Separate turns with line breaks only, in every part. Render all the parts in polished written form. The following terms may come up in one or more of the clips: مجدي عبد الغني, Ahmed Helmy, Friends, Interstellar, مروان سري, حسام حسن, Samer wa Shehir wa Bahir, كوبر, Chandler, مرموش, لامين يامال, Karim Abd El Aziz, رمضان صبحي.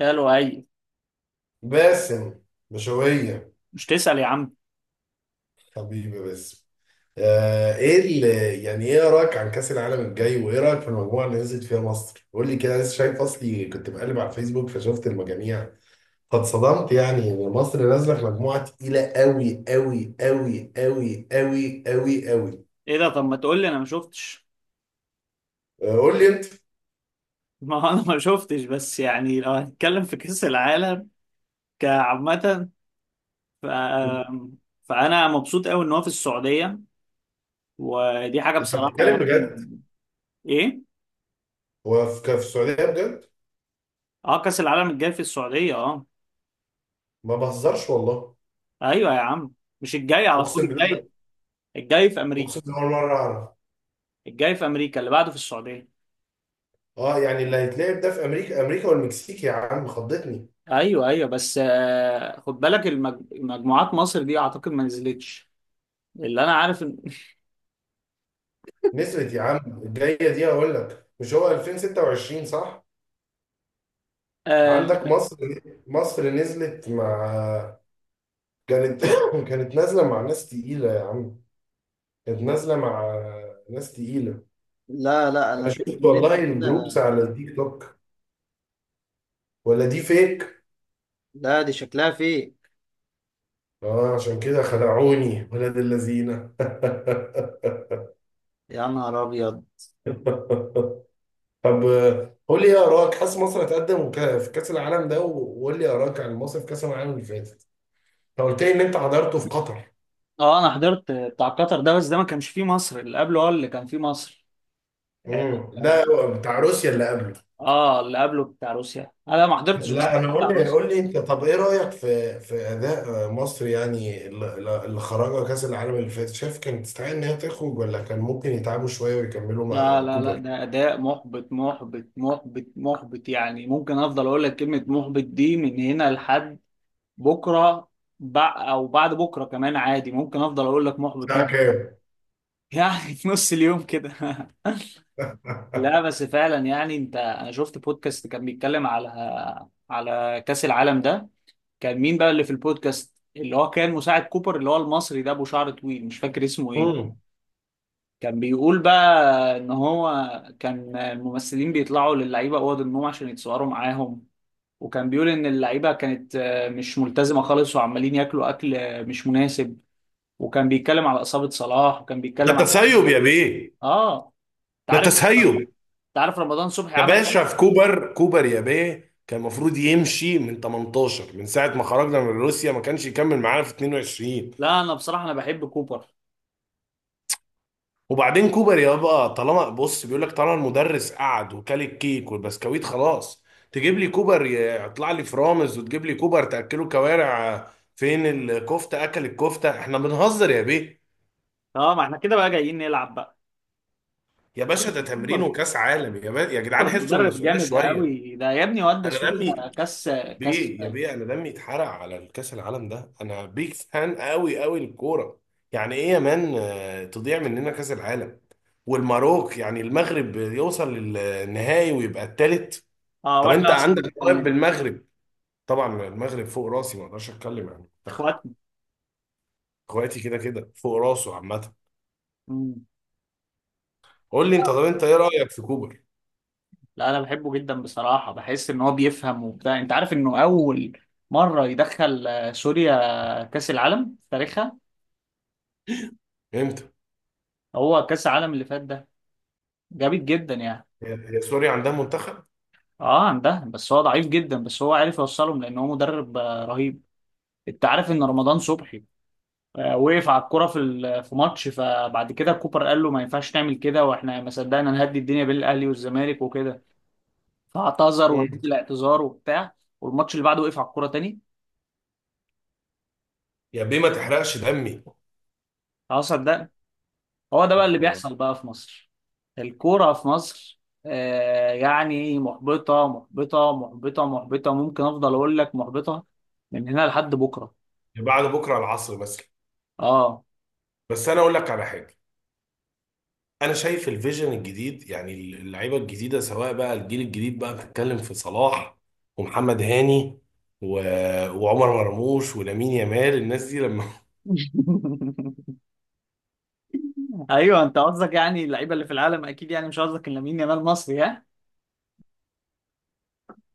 قالوا اي.
باسم، بشوية.
مش تسأل يا عم.
حبيبي باسم. ايه اللي يعني ايه رايك عن كأس العالم الجاي وايه رايك في المجموعة اللي نزلت فيها مصر؟ قول لي كده، لسه شايف. اصلي كنت بقلب على الفيسبوك فشفت المجاميع. قد صدمت يعني ان مصر نازلة في مجموعة تقيلة قوي قوي قوي قوي قوي قوي قوي.
ايه ده؟ طب ما تقول لي، انا ما شفتش.
آه، قول لي انت.
ما هو انا ما شفتش، بس يعني لو هنتكلم في كأس العالم كعامة ف... فانا مبسوط قوي ان هو في السعودية، ودي حاجة
انت
بصراحة
بتتكلم
يعني.
بجد؟
ايه،
هو في السعودية بجد؟
اه، كأس العالم الجاي في السعودية اه.
ما بهزرش والله.
ايوه يا عم، مش الجاي على طول،
اقسم بالله،
الجاي، الجاي في امريكا.
اقسم بالله أول مرة اعرف.
الجاي في امريكا، اللي بعده في السعودية.
اه يعني اللي هيتلعب ده في امريكا، امريكا والمكسيك. يا عم خضتني.
ايوه ايوه بس خد بالك مجموعات مصر دي اعتقد ما نزلتش، اللي انا عارف ان.
نسرت يا عم الجايه دي، هقول لك، مش هو 2026 صح؟ عندك مصر. مصر نزلت مع. كانت كانت نازله مع ناس تقيله يا عم. كانت نازله مع ناس تقيله.
لا لا، انا
انا
شايف
شفت
ان انت
والله الجروبس
كده.
على التيك توك، ولا دي فيك؟
لا، دي شكلها فيك.
اه عشان كده خدعوني ولاد اللذينه.
يا نهار ابيض.
طب قول لي ايه اراك، حاسس مصر هتقدم في كاس العالم ده، وقول لي اراك عن مصر في كاس العالم اللي فاتت. انت قلت لي ان انت حضرته في قطر.
اه انا حضرت بتاع قطر ده، بس ده ما كانش فيه مصر، اللي قبله هو اللي كان فيه مصر. اه. آه،
لا، بتاع روسيا اللي قبله.
اللي قبله بتاع روسيا، انا ما حضرتش
لا
بصراحه
انا، قول
بتاع
لي
روسيا.
قول لي انت. طب ايه رايك في اداء مصر، يعني اللي خرجها كاس العالم اللي فاتت. شايف كانت تستحق ان هي تخرج، ولا كان ممكن يتعبوا شويه ويكملوا
لا
مع
لا لا،
كوبر؟
ده اداء محبط محبط محبط محبط، يعني ممكن افضل اقول لك كلمه محبط دي من هنا لحد بكره، او بعد بكره كمان، عادي ممكن افضل اقول لك محبط
ساعه
محبط.
كام؟
يعني في نص اليوم كده. لا بس فعلا يعني انت، انا شفت بودكاست كان بيتكلم على، على كأس العالم ده. كان مين بقى اللي في البودكاست اللي هو كان مساعد كوبر، اللي هو المصري ده ابو شعر طويل، مش فاكر اسمه ايه.
امم
كان بيقول بقى ان هو كان الممثلين بيطلعوا للعيبه اوض النوم عشان يتصوروا معاهم. وكان بيقول ان اللعيبه كانت مش ملتزمه خالص، وعمالين ياكلوا اكل مش مناسب. وكان بيتكلم على اصابه صلاح، وكان
ده
بيتكلم على.
تسيب يا بيه.
اه.
ده
تعرف
تسيب
تعرف رمضان صبحي
يا
عمل.
باشا، في كوبر. كوبر يا بيه كان المفروض يمشي من 18، من ساعة ما خرجنا من روسيا، ما كانش يكمل معانا في 22.
لا انا بصراحه انا بحب كوبر.
وبعدين كوبر يابا، طالما بص بيقول لك، طالما المدرس قعد وكل الكيك والبسكويت خلاص. تجيب لي كوبر يطلع لي فرامز، وتجيب لي كوبر تأكله كوارع. فين الكفتة، أكل الكفتة؟ احنا بنهزر يا بيه؟
اه ما احنا كده بقى جايين نلعب بقى.
يا
لا
باشا،
بس
ده تمرين
كوبر،
وكأس عالم، يا جدعان
كوبر
حسوا
مدرب
المسؤولية
جامد
شوية.
قوي ده يا ابني، واد
انا
سوريا
دمي،
كاس. كاس.
بيه يا بيه، انا دمي اتحرق على الكاس العالم ده. انا بيك فان قوي قوي للكوره. يعني ايه يا مان تضيع مننا كاس العالم؟ والمروك، يعني المغرب، يوصل للنهائي ويبقى التالت.
اه
طب انت
واحنا اصلا ما
عندك مواهب
بنتكلمش.
بالمغرب. طبعا المغرب فوق راسي، ما اقدرش اتكلم عن المنتخب.
اخواتنا.
اخواتي كده كده فوق راسه عامه.
مم.
قول لي انت، طب انت ايه رايك في كوبر؟
لا انا بحبه جدا بصراحه، بحس ان هو بيفهم وبتاع. انت عارف انه اول مره يدخل سوريا كاس العالم في تاريخها.
امتى؟
هو كاس العالم اللي فات ده جامد جدا يعني.
يا سوريا عندها منتخب؟
اه عندها، بس هو ضعيف جدا، بس هو عارف يوصلهم لان هو مدرب رهيب. انت عارف ان رمضان صبحي وقف على الكرة في ماتش، فبعد كده كوبر قال له ما ينفعش نعمل كده، واحنا ما صدقنا نهدي الدنيا بين الاهلي والزمالك وكده، فاعتذر
مم.
ونزل اعتذار وبتاع. والماتش اللي بعده وقف على الكرة تاني.
يا بيه ما تحرقش دمي.
خلاص صدقنا. هو ده بقى اللي
طب والله.
بيحصل بقى في مصر. الكورة في مصر يعني محبطة محبطة محبطة محبطة، ممكن افضل اقول لك محبطة من هنا لحد بكرة.
بعد بكره العصر بس.
اه.
بس انا اقول لك على حاجه. انا شايف الفيجن الجديد يعني اللعيبه الجديده، سواء بقى الجيل الجديد بقى، بتتكلم في صلاح ومحمد هاني و... وعمر مرموش ولامين يامال. الناس دي لما.
ايوه انت قصدك يعني اللعيبه اللي في العالم، اكيد يعني مش قصدك إن لامين يامال مصري.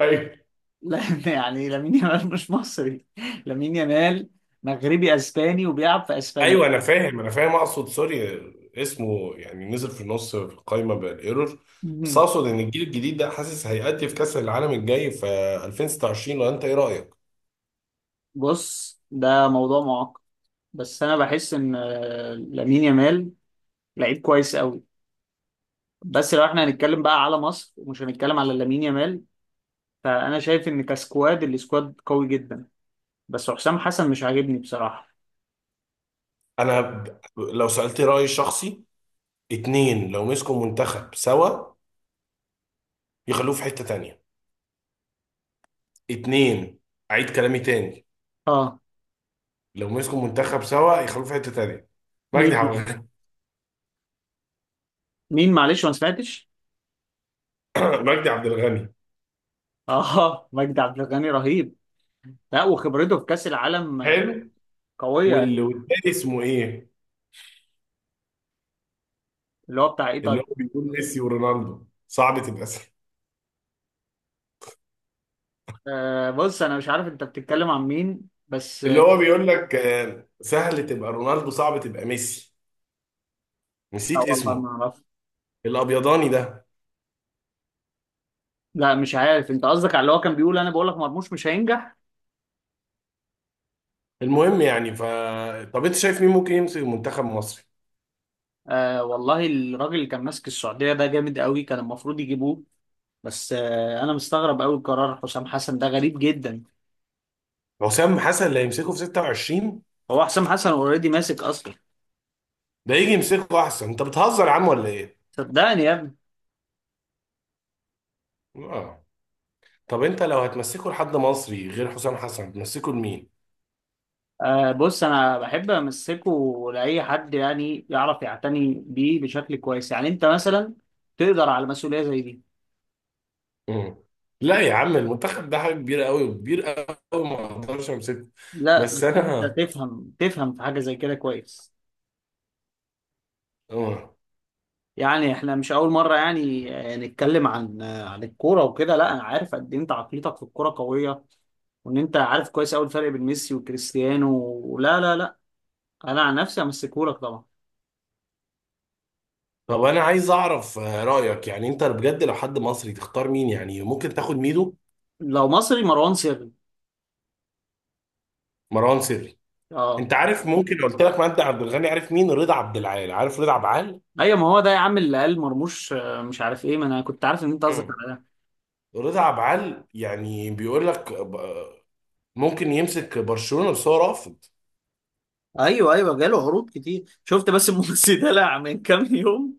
ايوه،
لا. يعني لامين يامال مش مصري، لامين يامال مغربي اسباني وبيلعب في اسبانيا.
ايوه انا فاهم، انا فاهم اقصد سوري. اسمه يعني نزل في النص في القايمه بالايرور. بس
مهم.
اقصد ان الجيل الجديد ده حاسس هيأدي في كاس العالم الجاي في 2026. لو انت ايه رايك؟
بص ده موضوع معقد، بس انا بحس ان لامين يامال لعيب كويس قوي. بس لو احنا هنتكلم بقى على مصر، ومش هنتكلم على لامين يامال، فانا شايف ان السكواد قوي جدا، بس حسام حسن مش عاجبني بصراحة.
انا لو سألت رايي الشخصي، اتنين لو مسكوا منتخب سوا يخلوه في حته تانيه. اتنين، اعيد كلامي تاني،
اه.
لو مسكوا منتخب سوا يخلوه في حته تانيه. مجدي
مين؟
عبد الغني.
مين، معلش ما سمعتش.
مجدي عبد الغني
اه مجدي عبد الغني رهيب، لا وخبرته في كاس العالم
حلو.
قوية.
والتاني اسمه ايه؟
اللي هو بتاع ايه؟
اللي هو بيقول ميسي ورونالدو، صعب تبقى سهل.
أه بص انا مش عارف انت بتتكلم عن مين، بس
اللي
آه،
هو بيقول لك سهل تبقى رونالدو، صعب تبقى ميسي.
لا
نسيت
والله ما
اسمه،
اعرف.
الابيضاني ده.
لا مش عارف، انت قصدك على اللي هو كان بيقول انا بقول لك مرموش مش هينجح.
المهم يعني ف. طب انت شايف مين ممكن يمسك المنتخب المصري؟
أه والله الراجل اللي كان ماسك السعوديه ده جامد قوي، كان المفروض يجيبوه. بس أه انا مستغرب قوي، قرار حسام حسن ده غريب جدا.
حسام حسن اللي هيمسكه في 26؟
هو حسام حسن اوريدي ماسك اصلا.
ده يجي يمسكه احسن. انت بتهزر يا عم ولا ايه؟
صدقني يا ابني.
اه. طب انت لو هتمسكه لحد مصري غير حسام حسن، هتمسكه لمين؟
أه بص انا بحب امسكه لاي حد يعني يعرف يعتني بيه بشكل كويس. يعني انت مثلا تقدر على مسؤوليه زي دي؟
مم. لا يا عم، المنتخب ده حاجه كبيره قوي، وكبير قوي، ما اقدرش امسكه.
لا بس
بس
انت
انا.
تفهم في حاجه زي كده كويس،
مم.
يعني احنا مش اول مره يعني نتكلم عن عن الكوره وكده. لا انا عارف قد ايه انت عقليتك في الكوره قويه، وان انت عارف كويس قوي الفرق بين ميسي وكريستيانو. لا لا لا، انا عن نفسي همسكهولك طبعا.
طب انا عايز اعرف رايك. يعني انت بجد لو حد مصري تختار مين؟ يعني ممكن تاخد ميدو؟
لو مصري مروان سري.
مروان سري.
اه.
انت عارف، ممكن لو قلت لك مجدي عبد الغني، عارف مين؟ رضا عبد العال. عارف رضا عبد العال؟
ايوه ما هو ده يا عم اللي قال مرموش مش عارف ايه، ما انا كنت عارف ان انت قصدك
مم.
على ده.
رضا عبد العال يعني بيقول لك ممكن يمسك برشلونه، بس هو رافض.
ايوه ايوه، جاله عروض كتير شفت، بس الممثل دلع من كام يوم.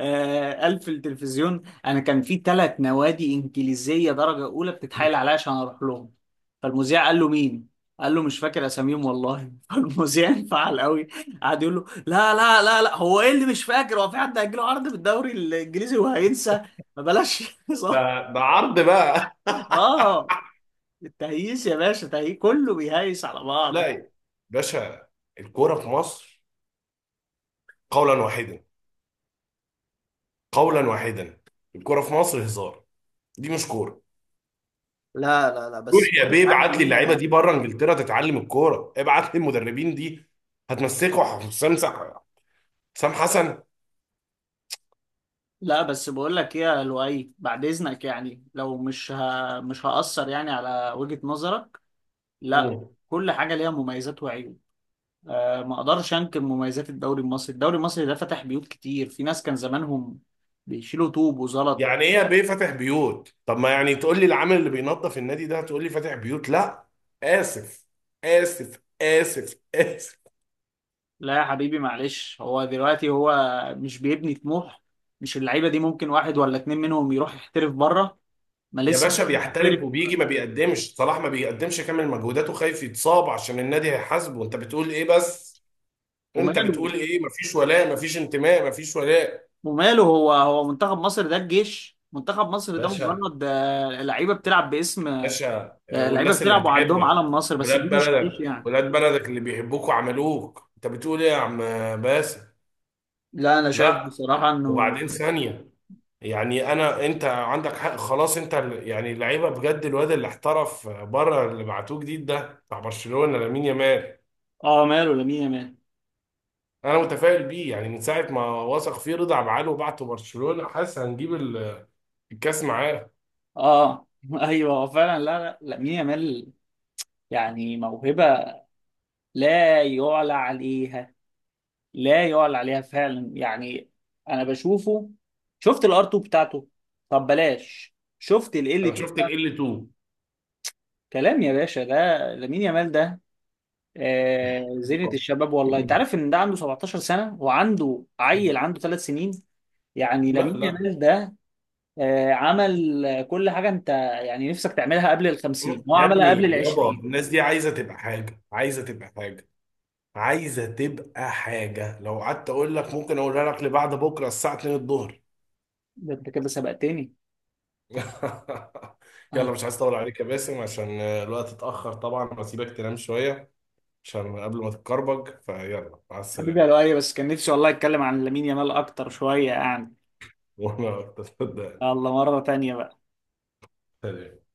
آه قال في التلفزيون انا كان في 3 نوادي انجليزيه درجه اولى بتتحايل عليا عشان اروح لهم. فالمذيع قال له مين؟ قال له مش فاكر اساميهم والله. فالمذيع انفعل قوي، قعد يقول له لا لا لا لا، هو ايه اللي مش فاكر؟ هو في حد هيجيله عرض في الدوري الانجليزي وهينسى؟ ما بلاش. صح.
ده ده عرض بقى.
اه. التهييس يا باشا، تهييس كله بيهيس على
لا
بعضه.
يا باشا، الكوره في مصر، قولا واحدا، قولا واحدا، الكوره في مصر هزار، دي مش كوره.
لا لا لا
روح
بس
يا
كل
بيه،
حاجه
ابعت لي اللعيبه
ليها.
دي بره انجلترا تتعلم الكوره، ابعت لي المدربين دي. هتمسكوا حسام حسن.
لا بس بقول لك ايه يا لؤي، بعد اذنك يعني لو مش هأثر يعني على وجهة نظرك. لا.
مم.
كل حاجة ليها مميزات وعيوب. أه ما اقدرش انكر مميزات الدوري المصري، الدوري المصري ده فتح بيوت كتير، في ناس كان زمانهم بيشيلوا طوب وزلط.
يعني ايه يا بيه فاتح بيوت؟ طب ما يعني تقول لي العامل اللي بينظف النادي ده تقول لي فاتح بيوت؟ لا. اسف. اسف، اسف، اسف.
لا يا حبيبي معلش، هو دلوقتي هو مش بيبني طموح، مش اللعيبة دي ممكن واحد ولا اتنين منهم يروح يحترف بره، ما
يا
لسه.
باشا
محترف،
بيحترف وبيجي ما بيقدمش، صلاح ما بيقدمش كامل مجهوداته، خايف يتصاب عشان النادي هيحاسبه. انت بتقول ايه بس؟ انت
وماله.
بتقول ايه، مفيش ولاء، مفيش انتماء، مفيش ولاء.
وماله، هو هو منتخب مصر ده الجيش؟ منتخب مصر ده
باشا،
مجرد لعيبه بتلعب باسم،
باشا
لعيبه
والناس اللي
بتلعب وعندهم
بتحبك،
علم مصر، بس
ولاد
دي مش الجيش
بلدك،
يعني.
ولاد بلدك اللي بيحبوك وعملوك، انت بتقول ايه يا عم؟ باسم.
لا انا شايف
لا.
بصراحه انه.
وبعدين ثانية، يعني انا، انت عندك حق، خلاص. انت يعني اللعيبه بجد، الواد اللي احترف بره، اللي بعتوه جديد ده بتاع برشلونة لامين يامال.
اه ماله لامين يامال.
انا متفائل بيه يعني، من ساعه ما وثق فيه رضا عبد العال وبعته برشلونه، حاسس هنجيب الكاس معاه.
اه ايوه هو فعلا، لا لا، لامين يامال يعني موهبه لا يعلى عليها، لا يعلى عليها فعلا يعني. انا بشوفه، شفت الار 2 بتاعته؟ طب بلاش، شفت ال ال
انا
2؟
شفت ال L2.
كلام يا باشا ده، لامين يامال ده زينة
خلاص.
الشباب والله. انت عارف ان ده عنده 17 سنة وعنده عيل عنده 3 سنين؟ يعني
لا
لامين
لا
يامال ده عمل كل حاجة انت يعني نفسك تعملها قبل ال 50، هو
يا ابني
عملها قبل ال
يابا،
20.
الناس دي عايزه تبقى حاجه، عايزه تبقى حاجه، عايزه تبقى حاجه. لو قعدت اقول لك ممكن اقولها لك لبعد بكره الساعه 2 الظهر.
ده انت كده سبقتني.
يلا
آه،
مش عايز اطول عليك يا باسم عشان الوقت اتاخر طبعا، واسيبك تنام شويه، عشان قبل ما تتكربج فيلا. مع
حبيبي يا
السلامه.
لؤي بس كان نفسي والله اتكلم عن لامين يامال اكتر شوية يعني.
وانا اكتر.
الله مرة تانية بقى.
سلام.